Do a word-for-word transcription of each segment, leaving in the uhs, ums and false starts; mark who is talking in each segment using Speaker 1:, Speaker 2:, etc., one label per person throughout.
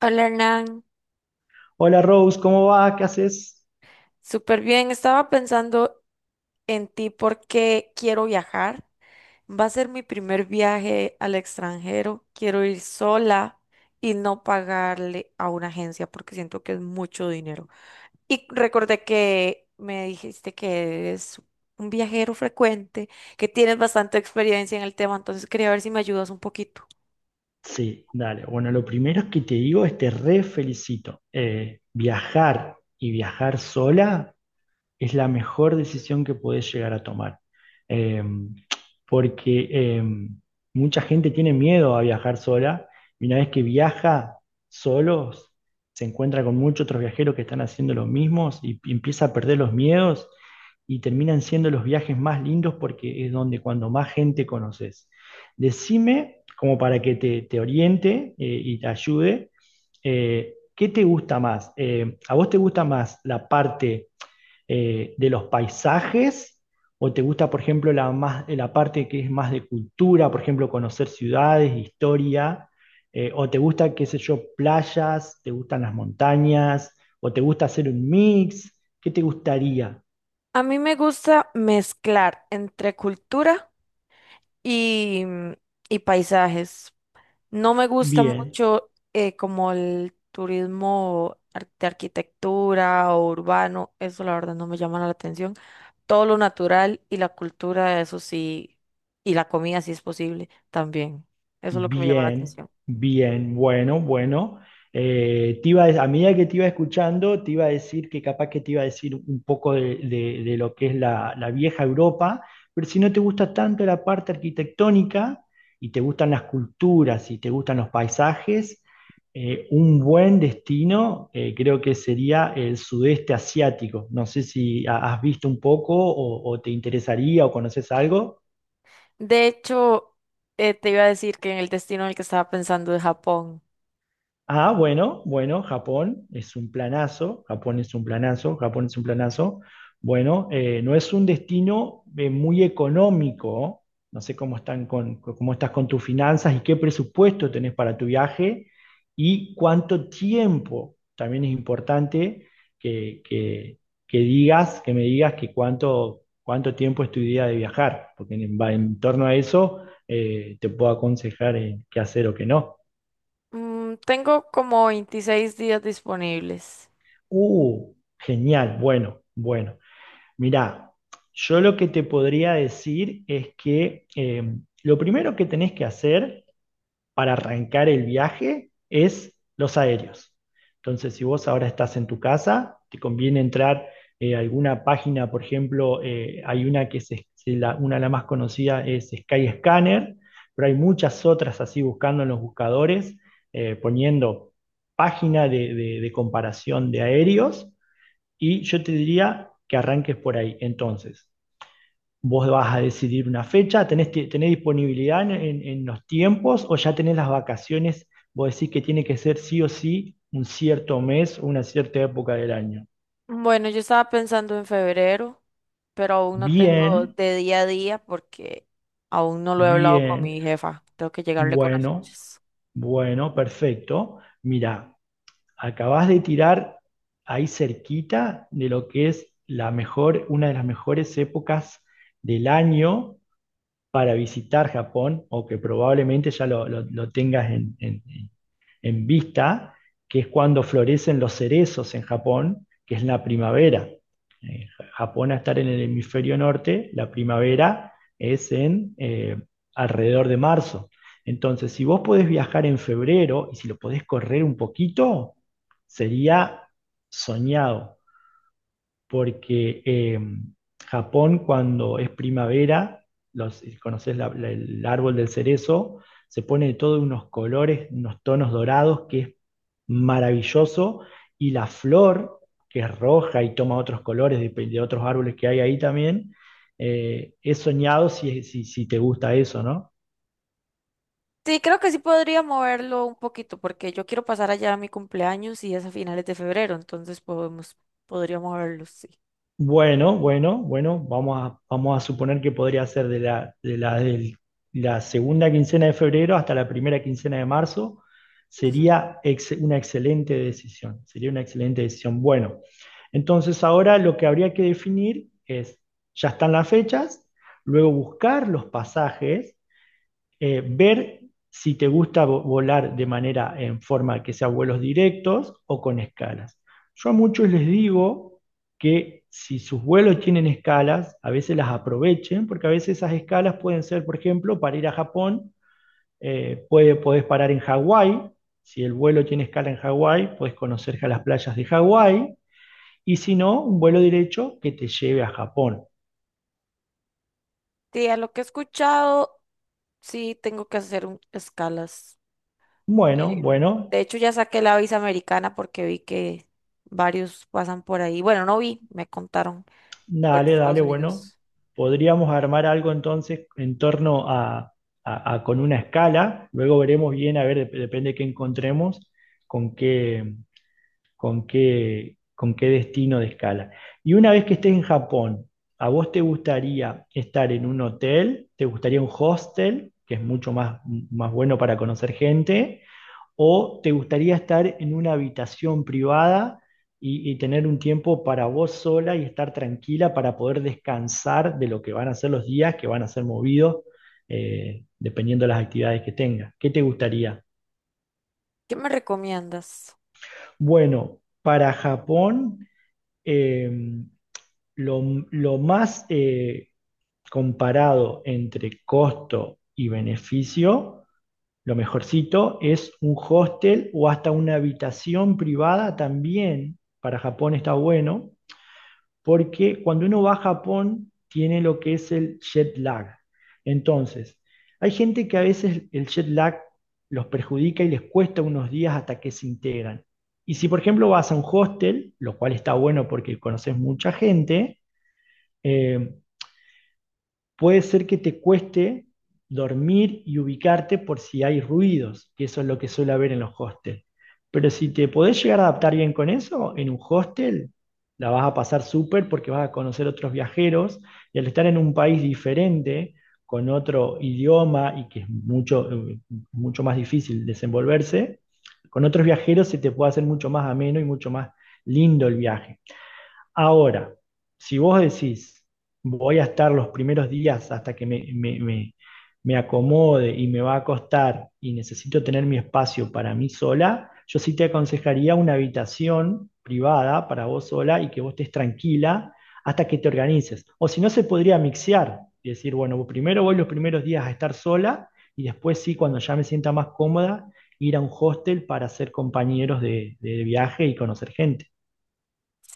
Speaker 1: Hola Hernán,
Speaker 2: Hola Rose, ¿cómo va? ¿Qué haces?
Speaker 1: súper bien. Estaba pensando en ti porque quiero viajar. Va a ser mi primer viaje al extranjero. Quiero ir sola y no pagarle a una agencia porque siento que es mucho dinero. Y recordé que me dijiste que eres un viajero frecuente, que tienes bastante experiencia en el tema, entonces quería ver si me ayudas un poquito.
Speaker 2: Sí, dale. Bueno, lo primero que te digo es te re felicito. Eh, viajar y viajar sola es la mejor decisión que puedes llegar a tomar. Eh, porque eh, mucha gente tiene miedo a viajar sola y una vez que viaja solos, se encuentra con muchos otros viajeros que están haciendo lo mismo y y empieza a perder los miedos y terminan siendo los viajes más lindos porque es donde cuando más gente conoces. Decime, como para que te, te oriente eh, y te ayude, eh, ¿qué te gusta más? Eh, ¿a vos te gusta más la parte eh, de los paisajes? ¿O te gusta, por ejemplo, la, más, la parte que es más de cultura, por ejemplo, conocer ciudades, historia? Eh, ¿o te gusta, qué sé yo, playas? ¿Te gustan las montañas? ¿O te gusta hacer un mix? ¿Qué te gustaría?
Speaker 1: A mí me gusta mezclar entre cultura y, y paisajes. No me gusta
Speaker 2: Bien.
Speaker 1: mucho eh, como el turismo ar- de arquitectura o urbano, eso la verdad no me llama la atención. Todo lo natural y la cultura, eso sí, y la comida si es posible también. Eso es lo que me llama la
Speaker 2: Bien,
Speaker 1: atención.
Speaker 2: bien, bueno, bueno. Eh, te iba a, a medida que te iba escuchando, te iba a decir que capaz que te iba a decir un poco de, de- de lo que es la, la vieja Europa, pero si no te gusta tanto la parte arquitectónica y te gustan las culturas y te gustan los paisajes, eh, un buen destino eh, creo que sería el sudeste asiático. No sé si ha- has visto un poco o, o te interesaría o conoces algo.
Speaker 1: De hecho, eh, te iba a decir que en el destino en el que estaba pensando de Japón,
Speaker 2: Ah, bueno, bueno, Japón es un planazo, Japón es un planazo, Japón es un planazo. Bueno, eh, no es un destino eh, muy económico, no sé cómo están con, cómo estás con tus finanzas y qué presupuesto tenés para tu viaje y cuánto tiempo. También es importante que, que- que digas, que me digas que cuánto, cuánto tiempo es tu idea de viajar, porque en, en torno a eso eh, te puedo aconsejar eh, qué hacer o qué no.
Speaker 1: mm, tengo como veintiséis días disponibles.
Speaker 2: Uh, genial, bueno, bueno. Mirá, yo lo que te podría decir es que eh, lo primero que tenés que hacer para arrancar el viaje es los aéreos. Entonces, si vos ahora estás en tu casa, te conviene entrar eh, a alguna página, por ejemplo, eh, hay una que es, es la, una de las más conocidas es Skyscanner, pero hay muchas otras así buscando en los buscadores, eh, poniendo página de de- de comparación de aéreos y yo te diría que arranques por ahí. Entonces, vos vas a decidir una fecha, ¿tenés, ti- tenés disponibilidad en, en- en los tiempos o ya tenés las vacaciones? Vos decís que tiene que ser sí o sí un cierto mes o una cierta época del año.
Speaker 1: Bueno, yo estaba pensando en febrero, pero aún no tengo
Speaker 2: Bien,
Speaker 1: de día a día porque aún no lo he hablado con
Speaker 2: bien,
Speaker 1: mi jefa. Tengo que llegarle con las
Speaker 2: bueno,
Speaker 1: fechas.
Speaker 2: bueno, perfecto. Mira, acabás de tirar ahí cerquita de lo que es la mejor, una de las mejores épocas del año para visitar Japón o que probablemente ya lo, lo- lo tengas en, en- en vista, que es cuando florecen los cerezos en Japón, que es la primavera. Eh, Japón a estar en el hemisferio norte, la primavera es en eh, alrededor de marzo. Entonces, si vos podés viajar en febrero y si lo podés correr un poquito, sería soñado porque eh, Japón cuando es primavera, los, eh, conoces la- la- el árbol del cerezo, se pone de todos unos colores, unos tonos dorados, que es maravilloso, y la flor, que es roja y toma otros colores de, de otros árboles que hay ahí también, eh, es soñado si, si, si te gusta eso, ¿no?
Speaker 1: Sí, creo que sí podría moverlo un poquito porque yo quiero pasar allá a mi cumpleaños y es a finales de febrero, entonces podemos, podría moverlo, sí.
Speaker 2: Bueno, bueno, bueno, vamos a, vamos a suponer que podría ser de la, de la, del- la segunda quincena de febrero hasta la primera quincena de marzo.
Speaker 1: Ujú.
Speaker 2: Sería ex- una excelente decisión, sería una excelente decisión. Bueno, entonces ahora lo que habría que definir es, ya están las fechas, luego buscar los pasajes eh, ver si te gusta volar de manera en forma que sea vuelos directos o con escalas. Yo a muchos les digo que si sus vuelos tienen escalas, a veces las aprovechen, porque a veces esas escalas pueden ser, por ejemplo, para ir a Japón, eh, puede, podés parar en Hawái, si el vuelo tiene escala en Hawái, puedes conocer las playas de Hawái, y si no, un vuelo derecho que te lleve a Japón.
Speaker 1: Sí, a lo que he escuchado, sí tengo que hacer un- escalas.
Speaker 2: Bueno,
Speaker 1: Eh,
Speaker 2: bueno,
Speaker 1: De hecho, ya saqué la visa americana porque vi que varios pasan por ahí. Bueno, no vi, me contaron por
Speaker 2: dale,
Speaker 1: Estados
Speaker 2: dale, bueno,
Speaker 1: Unidos.
Speaker 2: podríamos armar algo entonces en torno a, a- a- con una escala, luego veremos bien, a ver, dep- depende de qué encontremos, con qué, con qué, con qué destino de escala. Y una vez que estés en Japón, ¿a vos te gustaría estar en un hotel? ¿Te gustaría un hostel, que es mucho más, más bueno para conocer gente? ¿O te gustaría estar en una habitación privada y, y tener un tiempo para vos sola y estar tranquila para poder descansar de lo que van a ser los días que van a ser movidos eh, dependiendo de las actividades que tengas? ¿Qué te gustaría?
Speaker 1: ¿Qué me recomiendas?
Speaker 2: Bueno, para Japón, eh, lo, lo más eh, comparado entre costo y beneficio, lo mejorcito es un hostel o hasta una habitación privada también. Para Japón está bueno, porque cuando uno va a Japón tiene lo que es el jet lag. Entonces, hay gente que a veces el jet lag los perjudica y les cuesta unos días hasta que se integran. Y si, por ejemplo, vas a un hostel, lo cual está bueno porque conoces mucha gente, eh, puede ser que te cueste dormir y ubicarte por si hay ruidos, que eso es lo que suele
Speaker 1: Ujú.
Speaker 2: haber en los hostels. Pero si te podés llegar a adaptar bien con eso, en un hostel la vas a pasar súper porque vas a conocer otros viajeros y al estar en un país diferente, con otro idioma y que es mucho, eh, mucho más difícil desenvolverse, con otros viajeros se te puede hacer mucho más ameno y mucho más lindo el viaje. Ahora, si vos decís, voy a estar los primeros días hasta que me, me- me- me acomode y me va a costar y necesito tener mi espacio para mí sola, yo sí te aconsejaría una habitación privada para vos sola y que vos estés tranquila hasta que te organices. O si no, se podría mixear y decir, bueno, primero voy los primeros días a estar sola y después sí, cuando ya me sienta más cómoda, ir a un hostel para ser compañeros de de viaje y conocer gente.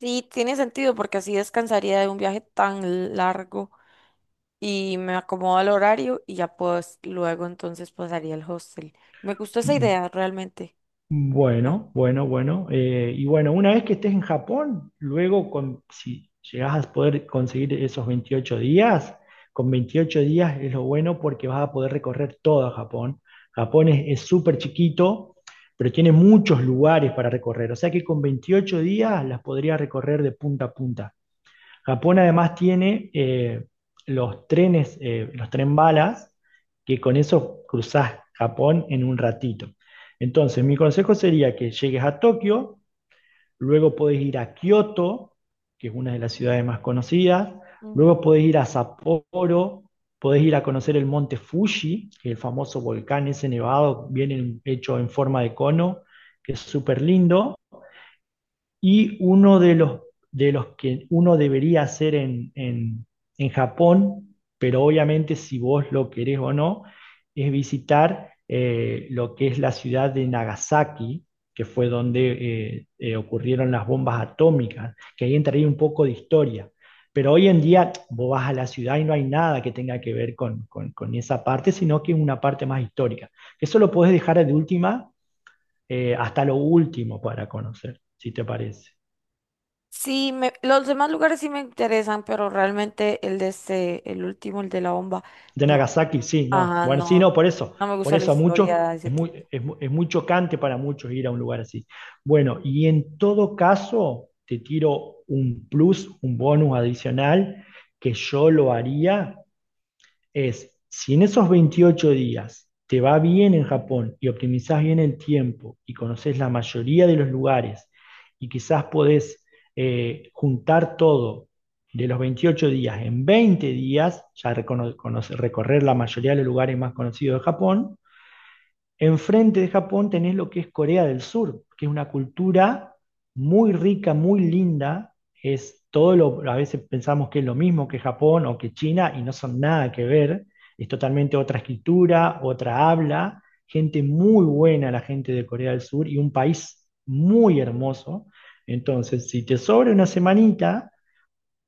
Speaker 1: Sí, tiene sentido porque así descansaría de un viaje tan largo y me acomodo al horario y ya pues luego entonces pasaría al hostel. Me gustó esa idea, realmente. Buena.
Speaker 2: Bueno, bueno, bueno. Eh, y bueno, una vez que estés en Japón, luego con, si llegas a poder conseguir esos veintiocho días, con veintiocho días es lo bueno porque vas a poder recorrer todo Japón. Japón es es súper chiquito, pero tiene muchos lugares para recorrer. O sea que con veintiocho días las podrías recorrer de punta a punta. Japón además tiene eh, los trenes, eh, los tren balas, que con eso cruzás Japón en un ratito. Entonces, mi consejo sería que llegues a Tokio, luego podés ir a Kioto, que es una de las ciudades más conocidas,
Speaker 1: Ujú.
Speaker 2: luego podés ir a Sapporo, podés ir a conocer el monte Fuji, que es el famoso volcán ese nevado, bien en- hecho en forma de cono, que es súper lindo. Y uno de los, de los que uno debería hacer en, en, en Japón, pero obviamente si vos lo querés o no, es visitar eh, lo que es la ciudad de Nagasaki, que fue donde eh, eh, ocurrieron las bombas atómicas, que ahí entraría un poco de historia. Pero hoy en día vos vas a la ciudad y no hay nada que tenga que ver con, con- con esa parte, sino que es una parte más histórica. Eso lo podés dejar de última eh, hasta lo último para conocer, si te parece.
Speaker 1: Sí, me- los demás lugares sí me interesan, pero realmente el de este, el último, el de la bomba,
Speaker 2: De
Speaker 1: no,
Speaker 2: Nagasaki, sí, no.
Speaker 1: ajá,
Speaker 2: Bueno, sí, no,
Speaker 1: no,
Speaker 2: por eso.
Speaker 1: no me
Speaker 2: Por
Speaker 1: gusta la
Speaker 2: eso a muchos
Speaker 1: historia de ese
Speaker 2: es muy,
Speaker 1: tipo.
Speaker 2: es, mu- es muy chocante para muchos ir a un lugar así. Bueno, y en todo caso, te tiro un plus, un bonus adicional, que yo lo haría es, si en esos veintiocho días te va bien en Japón y optimizás bien el tiempo y conoces la mayoría de los lugares y quizás podés eh, juntar todo de los veintiocho días en veinte días, ya recono- conoce- recorrer la mayoría de los lugares más conocidos de Japón. Enfrente de Japón tenés lo que es Corea del Sur, que es una cultura muy rica, muy linda. Es todo lo, a veces pensamos que es lo mismo que Japón o que China y no son nada que ver. Es totalmente otra escritura, otra habla, gente muy buena la gente de Corea del Sur y un país muy hermoso. Entonces, si te sobra una semanita,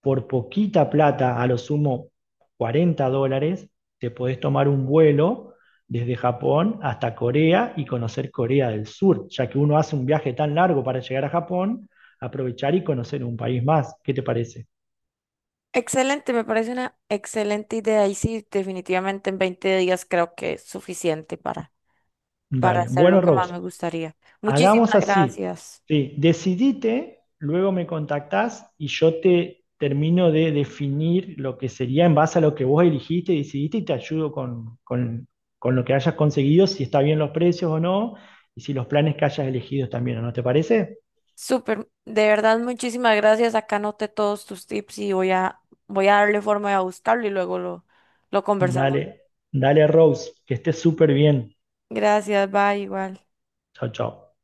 Speaker 2: por poquita plata, a lo sumo cuarenta dólares, te podés tomar un vuelo desde Japón hasta Corea y conocer Corea del Sur, ya que uno hace un viaje tan largo para llegar a Japón, aprovechar y conocer un país más. ¿Qué te parece?
Speaker 1: Excelente, me parece una excelente idea y sí, definitivamente en veinte días creo que es suficiente para para
Speaker 2: Dale.
Speaker 1: hacer
Speaker 2: Bueno,
Speaker 1: lo que más
Speaker 2: Rose,
Speaker 1: me gustaría. Muchísimas
Speaker 2: hagamos así.
Speaker 1: gracias.
Speaker 2: Sí, decidite, luego me contactás y yo te termino de definir lo que sería en base a lo que vos eligiste, decidiste y te ayudo con, con- con lo que hayas conseguido, si está bien los precios o no, y si los planes que hayas elegido también no, ¿te parece?
Speaker 1: Súper, de verdad, muchísimas gracias. Acá anoté todos tus tips y voy a, voy a darle forma de buscarlo y luego lo, lo conversamos.
Speaker 2: Dale, dale Rose, que estés súper bien.
Speaker 1: Gracias, bye, igual.
Speaker 2: Chao, chao.